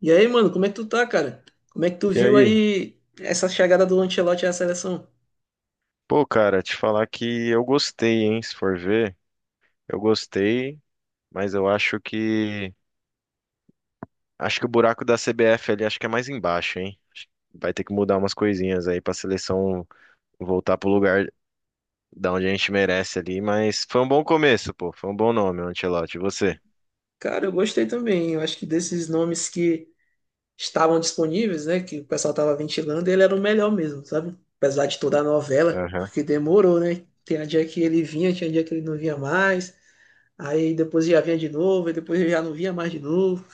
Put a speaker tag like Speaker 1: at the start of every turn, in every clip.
Speaker 1: E aí, mano, como é que tu tá, cara? Como é que tu
Speaker 2: E
Speaker 1: viu
Speaker 2: aí?
Speaker 1: aí essa chegada do Ancelotti à seleção?
Speaker 2: Pô, cara, te falar que eu gostei, hein? Se for ver, eu gostei, mas eu acho que o buraco da CBF ali acho que é mais embaixo, hein? Acho que vai ter que mudar umas coisinhas aí pra seleção voltar pro lugar da onde a gente merece ali, mas foi um bom começo, pô. Foi um bom nome, Ancelotti. E você?
Speaker 1: Cara, eu gostei também. Eu acho que desses nomes que estavam disponíveis, né, que o pessoal tava ventilando, ele era o melhor mesmo, sabe? Apesar de toda a novela,
Speaker 2: Aham.
Speaker 1: porque demorou, né? Tinha dia que ele vinha, tinha dia que ele não vinha mais. Aí depois já vinha de novo, e depois já não vinha mais de novo.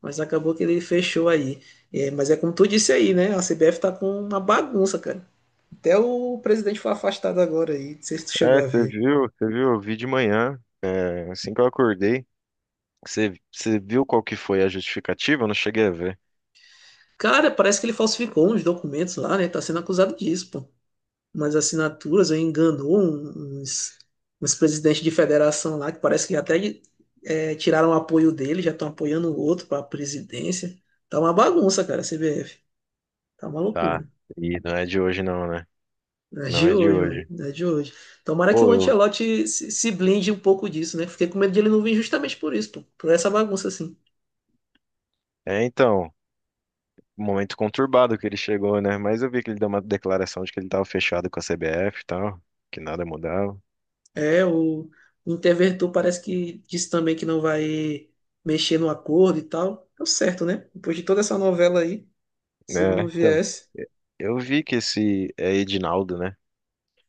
Speaker 1: Mas acabou que ele fechou aí. É, mas é como tu disse aí, né? A CBF tá com uma bagunça, cara. Até o presidente foi afastado agora aí. Não sei se tu chegou
Speaker 2: É,
Speaker 1: a
Speaker 2: você
Speaker 1: ver.
Speaker 2: viu, você viu, eu vi de manhã, é, assim que eu acordei. Você viu qual que foi a justificativa? Eu não cheguei a ver.
Speaker 1: Cara, parece que ele falsificou uns documentos lá, né? Tá sendo acusado disso, pô. Umas assinaturas, aí enganou uns presidentes de federação lá, que parece que até tiraram o apoio dele, já estão apoiando o outro pra presidência. Tá uma bagunça, cara, a CBF. Tá uma
Speaker 2: Tá.
Speaker 1: loucura.
Speaker 2: E não é de hoje não, né?
Speaker 1: Não é
Speaker 2: Não
Speaker 1: de
Speaker 2: é de
Speaker 1: hoje, mano.
Speaker 2: hoje.
Speaker 1: Não é de hoje. Tomara que o
Speaker 2: Pô, eu...
Speaker 1: Ancelotti se blinde um pouco disso, né? Fiquei com medo de ele não vir justamente por isso, pô. Por essa bagunça, assim.
Speaker 2: É, então, momento conturbado que ele chegou, né? Mas eu vi que ele deu uma declaração de que ele tava fechado com a CBF e tal, que nada mudava,
Speaker 1: É, o Interventor parece que disse também que não vai mexer no acordo e tal. Deu certo, né? Depois de toda essa novela aí, se ele
Speaker 2: né?
Speaker 1: não
Speaker 2: Então,
Speaker 1: viesse,
Speaker 2: eu vi que esse é Edinaldo, né?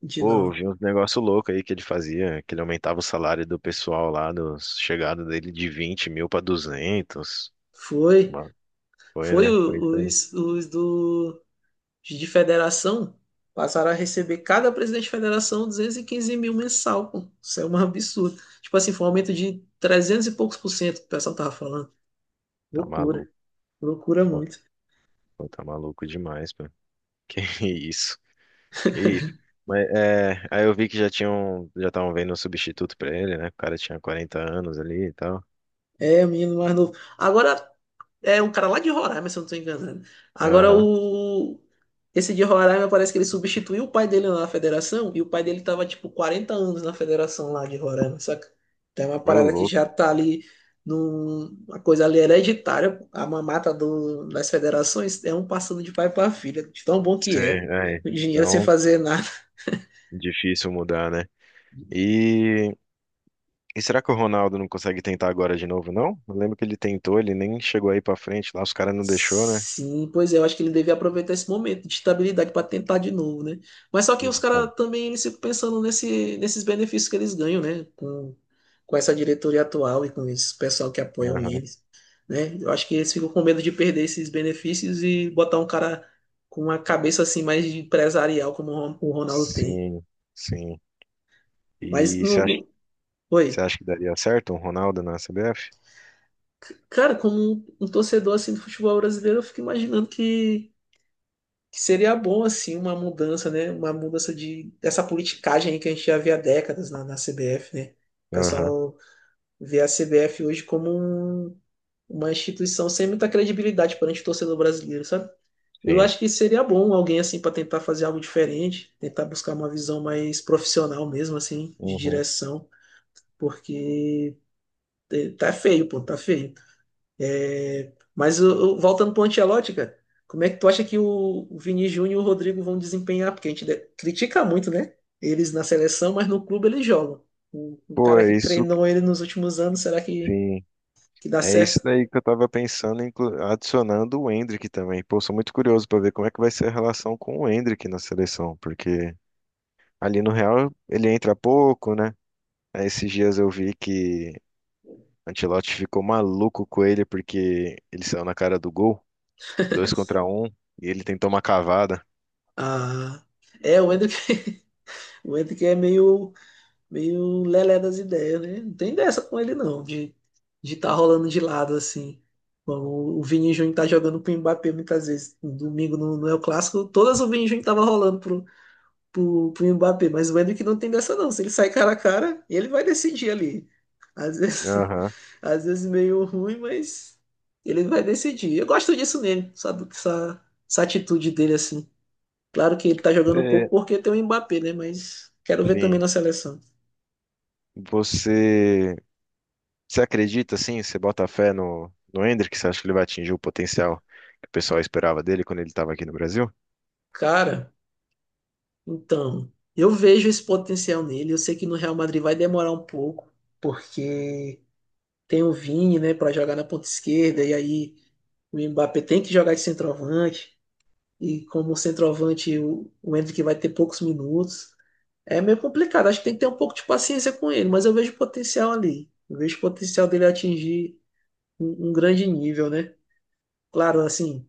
Speaker 1: de
Speaker 2: Pô, eu
Speaker 1: não.
Speaker 2: vi uns negócio louco aí que ele fazia, que ele aumentava o salário do pessoal lá, dos chegada dele de 20 mil pra duzentos.
Speaker 1: Foi,
Speaker 2: Mano, foi,
Speaker 1: foi,
Speaker 2: né? Foi isso aí.
Speaker 1: de federação passaram a receber cada presidente de federação 215.000 mensal, pô. Isso é um absurdo. Tipo assim, foi um aumento de 300 e poucos por cento que o pessoal tava falando.
Speaker 2: Tá
Speaker 1: Loucura,
Speaker 2: maluco.
Speaker 1: loucura
Speaker 2: Pô,
Speaker 1: muito.
Speaker 2: pô, tá maluco demais, pô. Que isso? Isso. Mas é, aí eu vi que já tinham, já estavam vendo um substituto pra ele, né? O cara tinha 40 anos ali e tal.
Speaker 1: É, o menino mais novo. Agora, é um cara lá de Roraima, se eu não tô enganado. Agora
Speaker 2: Aham.
Speaker 1: o. Esse de Roraima parece que ele substituiu o pai dele na federação e o pai dele tava tipo 40 anos na federação lá de Roraima, saca? Então é uma
Speaker 2: Ô,
Speaker 1: parada que
Speaker 2: louco.
Speaker 1: já tá ali uma coisa ali hereditária, pô. A mamata das federações é um passando de pai pra filha, de tão bom que
Speaker 2: Sim,
Speaker 1: é.
Speaker 2: é.
Speaker 1: O dinheiro sem
Speaker 2: Então,
Speaker 1: fazer nada.
Speaker 2: difícil mudar, né? E, e será que o Ronaldo não consegue tentar agora de novo, não? Eu lembro que ele tentou, ele nem chegou aí pra frente lá, os caras não deixou, né?
Speaker 1: Sim, pois é, eu acho que ele devia aproveitar esse momento de estabilidade para tentar de novo, né? Mas só que os caras
Speaker 2: Então,
Speaker 1: também eles ficam pensando nesses benefícios que eles ganham, né? Com essa diretoria atual e com esse pessoal que apoiam
Speaker 2: aham.
Speaker 1: eles, né? Eu acho que eles ficam com medo de perder esses benefícios e botar um cara com uma cabeça assim mais de empresarial como o Ronaldo tem.
Speaker 2: Sim, sim.
Speaker 1: Mas
Speaker 2: E você
Speaker 1: no,
Speaker 2: acha,
Speaker 1: no- Oi.
Speaker 2: você acha que daria certo um Ronaldo na CBF?
Speaker 1: Cara, como um torcedor assim do futebol brasileiro, eu fico imaginando que seria bom assim uma mudança, né? Uma mudança de dessa politicagem aí que a gente já vê há décadas na CBF, né? O
Speaker 2: Aham,
Speaker 1: pessoal vê a CBF hoje como um- uma instituição sem muita credibilidade perante o torcedor brasileiro, sabe? Eu
Speaker 2: sim.
Speaker 1: acho que seria bom alguém assim para tentar fazer algo diferente, tentar buscar uma visão mais profissional mesmo assim, de
Speaker 2: Uhum.
Speaker 1: direção, porque tá feio, pô, tá feio. Mas voltando para o Ancelotti, cara, como é que tu acha que o Vini Júnior e o Rodrigo vão desempenhar? Porque a gente critica muito, né? Eles na seleção, mas no clube eles jogam. O
Speaker 2: Pô,
Speaker 1: cara
Speaker 2: é
Speaker 1: que
Speaker 2: isso
Speaker 1: treinou ele nos últimos anos, será que,
Speaker 2: sim.
Speaker 1: que dá
Speaker 2: É isso
Speaker 1: certo?
Speaker 2: daí que eu tava pensando, adicionando o Endrick também. Pô, sou muito curioso pra ver como é que vai ser a relação com o Endrick na seleção, porque ali no Real ele entra pouco, né? Aí esses dias eu vi que Ancelotti ficou maluco com ele porque ele saiu na cara do gol, dois contra um, e ele tentou uma cavada.
Speaker 1: Ah, é, o Endrick, o Endrick é meio lelé das ideias, né? Não tem dessa com ele, não, de estar rolando de lado assim. Bom, o Vini Júnior tá jogando com o Mbappé muitas vezes. No domingo no El Clássico, todas o Vini Júnior tava rolando pro Mbappé, mas o Endrick não tem dessa não. Se ele sai cara a cara, ele vai decidir ali. Às vezes,
Speaker 2: Aham.
Speaker 1: às vezes meio ruim, mas ele vai decidir. Eu gosto disso nele, sabe? Essa atitude dele assim. Claro que ele tá jogando um pouco
Speaker 2: Você-
Speaker 1: porque tem o Mbappé, né? Mas quero ver também
Speaker 2: Sim.
Speaker 1: na seleção.
Speaker 2: Você, você acredita, assim? Você bota fé no, no Endrick? Você acha que ele vai atingir o potencial que o pessoal esperava dele quando ele estava aqui no Brasil?
Speaker 1: Cara, então, eu vejo esse potencial nele. Eu sei que no Real Madrid vai demorar um pouco, porque tem o Vini, né, para jogar na ponta esquerda, e aí o Mbappé tem que jogar de centroavante. E como centroavante o Hendrick vai ter poucos minutos. É meio complicado, acho que tem que ter um pouco de paciência com ele, mas eu vejo potencial ali. Eu vejo potencial dele atingir um grande nível, né? Claro, assim,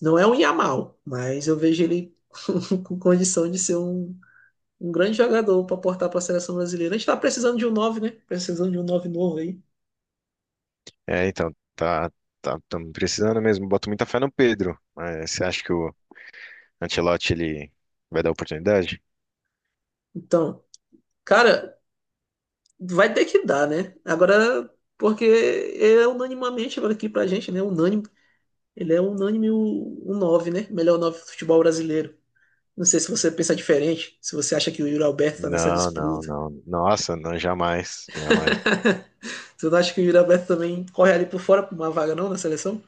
Speaker 1: não é um Yamal, mas eu vejo ele com condição de ser um grande jogador para aportar para a seleção brasileira. A gente tá precisando de um nove, né? Precisando de um 9 novo aí.
Speaker 2: É, então, tá, tamo precisando mesmo. Boto muita fé no Pedro. Mas você acha que o Ancelotti ele vai dar oportunidade?
Speaker 1: Então, cara, vai ter que dar, né? Agora, porque é unanimamente agora aqui pra gente, né? Unânime Ele é unânime o 9, né? Melhor 9 do futebol brasileiro. Não sei se você pensa diferente, se você acha que o Yuri Alberto tá nessa
Speaker 2: Não, não,
Speaker 1: disputa.
Speaker 2: não. Nossa, não, jamais, jamais.
Speaker 1: Você não acha que o Yuri Alberto também corre ali por fora pra uma vaga não na seleção?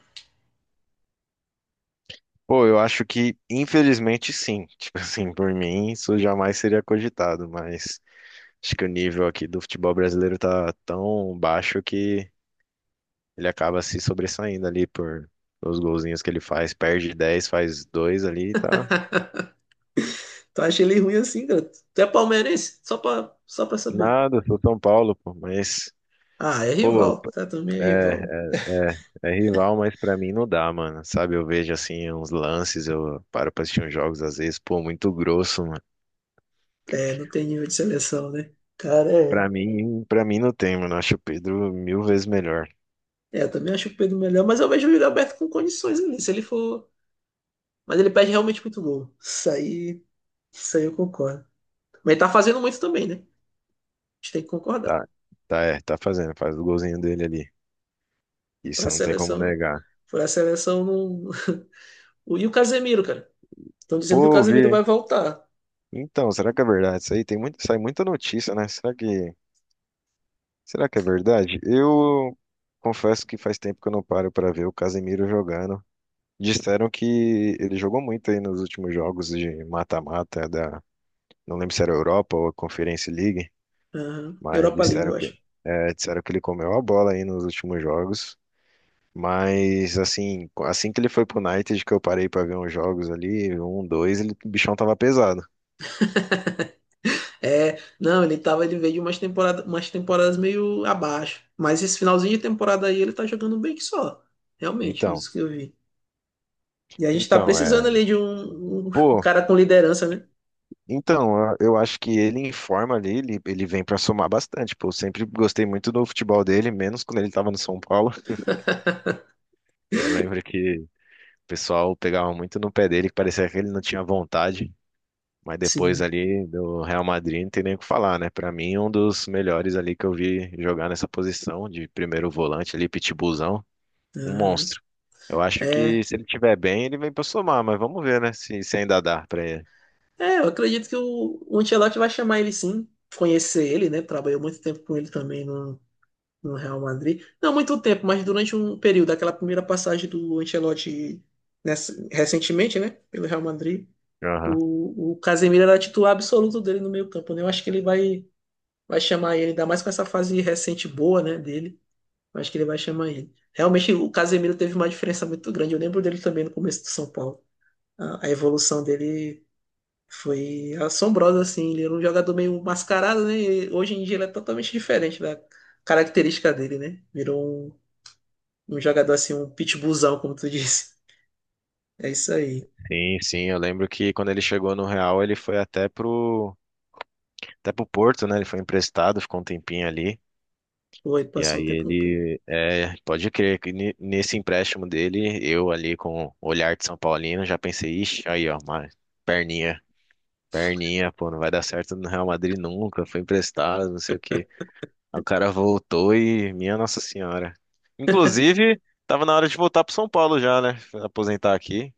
Speaker 2: Pô, eu acho que, infelizmente, sim. Tipo assim, por mim, isso jamais seria cogitado, mas acho que o nível aqui do futebol brasileiro tá tão baixo que ele acaba se sobressaindo ali por os golzinhos que ele faz. Perde 10 faz 2 ali, tá?
Speaker 1: Tu acha ele ruim assim, cara? Tu é palmeirense? Só pra saber.
Speaker 2: Nada, sou São Paulo, pô, mas.
Speaker 1: Ah, é
Speaker 2: Pô,
Speaker 1: rival, tá? Também é
Speaker 2: é,
Speaker 1: rival.
Speaker 2: É é rival, mas pra mim não dá, mano. Sabe, eu vejo assim uns lances, eu paro pra assistir uns jogos às vezes, pô, muito grosso, mano.
Speaker 1: É, não tem nível de seleção, né? Cara, é.
Speaker 2: Pra mim, não tem, mano. Eu acho o Pedro mil vezes melhor.
Speaker 1: É, eu também acho o Pedro melhor, mas eu vejo o Yuri Alberto com condições ali, se ele for. Mas ele perde realmente muito gol. Isso aí eu concordo. Mas ele tá fazendo muito também, né? A gente tem que concordar.
Speaker 2: Tá, tá, é, tá fazendo, faz o golzinho dele ali.
Speaker 1: Pra
Speaker 2: Isso não tem como
Speaker 1: seleção.
Speaker 2: negar.
Speaker 1: Pra seleção não. E o Casemiro, cara. Estão dizendo que o
Speaker 2: Pô, vi,
Speaker 1: Casemiro vai
Speaker 2: hein?
Speaker 1: voltar.
Speaker 2: Então, será que é verdade isso aí? Tem muito, sai muita notícia, né? Será que é verdade? Eu confesso que faz tempo que eu não paro pra ver o Casemiro jogando. Disseram que ele jogou muito aí nos últimos jogos de mata-mata da... Não lembro se era a Europa ou a Conference League,
Speaker 1: Aham.
Speaker 2: mas
Speaker 1: Europa League,
Speaker 2: disseram
Speaker 1: eu
Speaker 2: que,
Speaker 1: acho.
Speaker 2: é, disseram que ele comeu a bola aí nos últimos jogos. Mas assim, assim que ele foi pro United, que eu parei pra ver uns jogos ali, um, dois, ele, o bichão tava pesado.
Speaker 1: É, não, ele veio de umas temporadas meio abaixo. Mas esse finalzinho de temporada aí ele tá jogando bem que só. Realmente,
Speaker 2: Então,
Speaker 1: isso que eu vi. E a gente tá
Speaker 2: então, é,
Speaker 1: precisando ali de um
Speaker 2: pô,
Speaker 1: cara com liderança, né?
Speaker 2: então, eu acho que ele em forma ali, ele vem pra somar bastante, pô. Eu sempre gostei muito do futebol dele, menos quando ele tava no São Paulo. Eu lembro que o pessoal pegava muito no pé dele, que parecia que ele não tinha vontade. Mas depois
Speaker 1: Sim.
Speaker 2: ali do Real Madrid, não tem nem o que falar, né? Pra mim, um dos melhores ali que eu vi jogar nessa posição de primeiro volante ali, pitbullzão, um
Speaker 1: Aham.
Speaker 2: monstro. Eu acho que
Speaker 1: É,
Speaker 2: se ele tiver bem, ele vem pra somar, mas vamos ver, né? Se ainda dá pra ele.
Speaker 1: é, eu acredito que o Ancelotti vai chamar ele sim, conhecer ele, né? Trabalhou muito tempo com ele também no Real Madrid. Não muito tempo, mas durante um período, aquela primeira passagem do Ancelotti recentemente, né? Pelo Real Madrid,
Speaker 2: Aham.
Speaker 1: o Casemiro era titular absoluto dele no meio campo, né? Eu acho que ele vai chamar ele, ainda mais com essa fase recente boa, né, dele. Eu acho que ele vai chamar ele. Realmente, o Casemiro teve uma diferença muito grande. Eu lembro dele também no começo do São Paulo. A evolução dele foi assombrosa, assim. Ele era um jogador meio mascarado, né? E hoje em dia ele é totalmente diferente da característica dele, né? Virou um jogador assim, um pitbullzão, como tu disse. É isso aí.
Speaker 2: Sim, sim, eu lembro que quando ele chegou no Real, ele foi até pro Porto, né? Ele foi emprestado, ficou um tempinho ali.
Speaker 1: Pô, ele
Speaker 2: E
Speaker 1: passou um
Speaker 2: aí
Speaker 1: tempo no clube.
Speaker 2: ele, é, pode crer que nesse empréstimo dele, eu ali com o olhar de São Paulino, já pensei, ixi, aí ó, uma perninha. Perninha, pô, não vai dar certo no Real Madrid nunca, foi emprestado, não sei o quê. Aí o cara voltou e, minha Nossa Senhora. Inclusive, tava na hora de voltar pro São Paulo já, né? Aposentar aqui.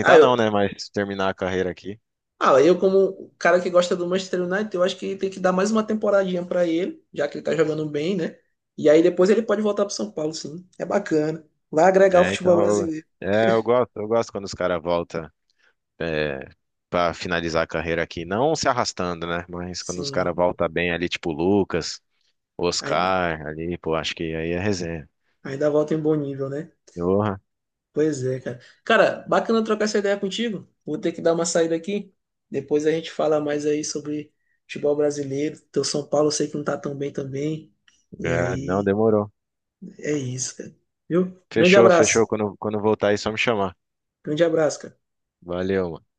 Speaker 1: Ah,
Speaker 2: não,
Speaker 1: eu,
Speaker 2: né? Mas terminar a carreira aqui.
Speaker 1: Ah, eu como cara que gosta do Manchester United, eu acho que tem que dar mais uma temporadinha pra ele, já que ele tá jogando bem, né? E aí depois ele pode voltar pro São Paulo, sim. É bacana. Vai agregar o
Speaker 2: É,
Speaker 1: futebol
Speaker 2: então,
Speaker 1: brasileiro.
Speaker 2: é, eu gosto quando os caras voltam é, pra finalizar a carreira aqui. Não se arrastando, né? Mas quando os caras
Speaker 1: Sim.
Speaker 2: voltam bem ali, tipo o Lucas, o
Speaker 1: Ainda,
Speaker 2: Oscar, ali, pô, acho que aí é resenha.
Speaker 1: ainda volta em bom nível, né?
Speaker 2: Porra,
Speaker 1: Pois é, cara. Cara, bacana trocar essa ideia contigo. Vou ter que dar uma saída aqui. Depois a gente fala mais aí sobre futebol brasileiro. Teu São Paulo eu sei que não tá tão bem também. E
Speaker 2: é, não
Speaker 1: aí,
Speaker 2: demorou.
Speaker 1: é isso, cara. Viu? Grande
Speaker 2: Fechou, fechou.
Speaker 1: abraço.
Speaker 2: Quando voltar aí, só me chamar.
Speaker 1: Grande abraço, cara.
Speaker 2: Valeu, mano.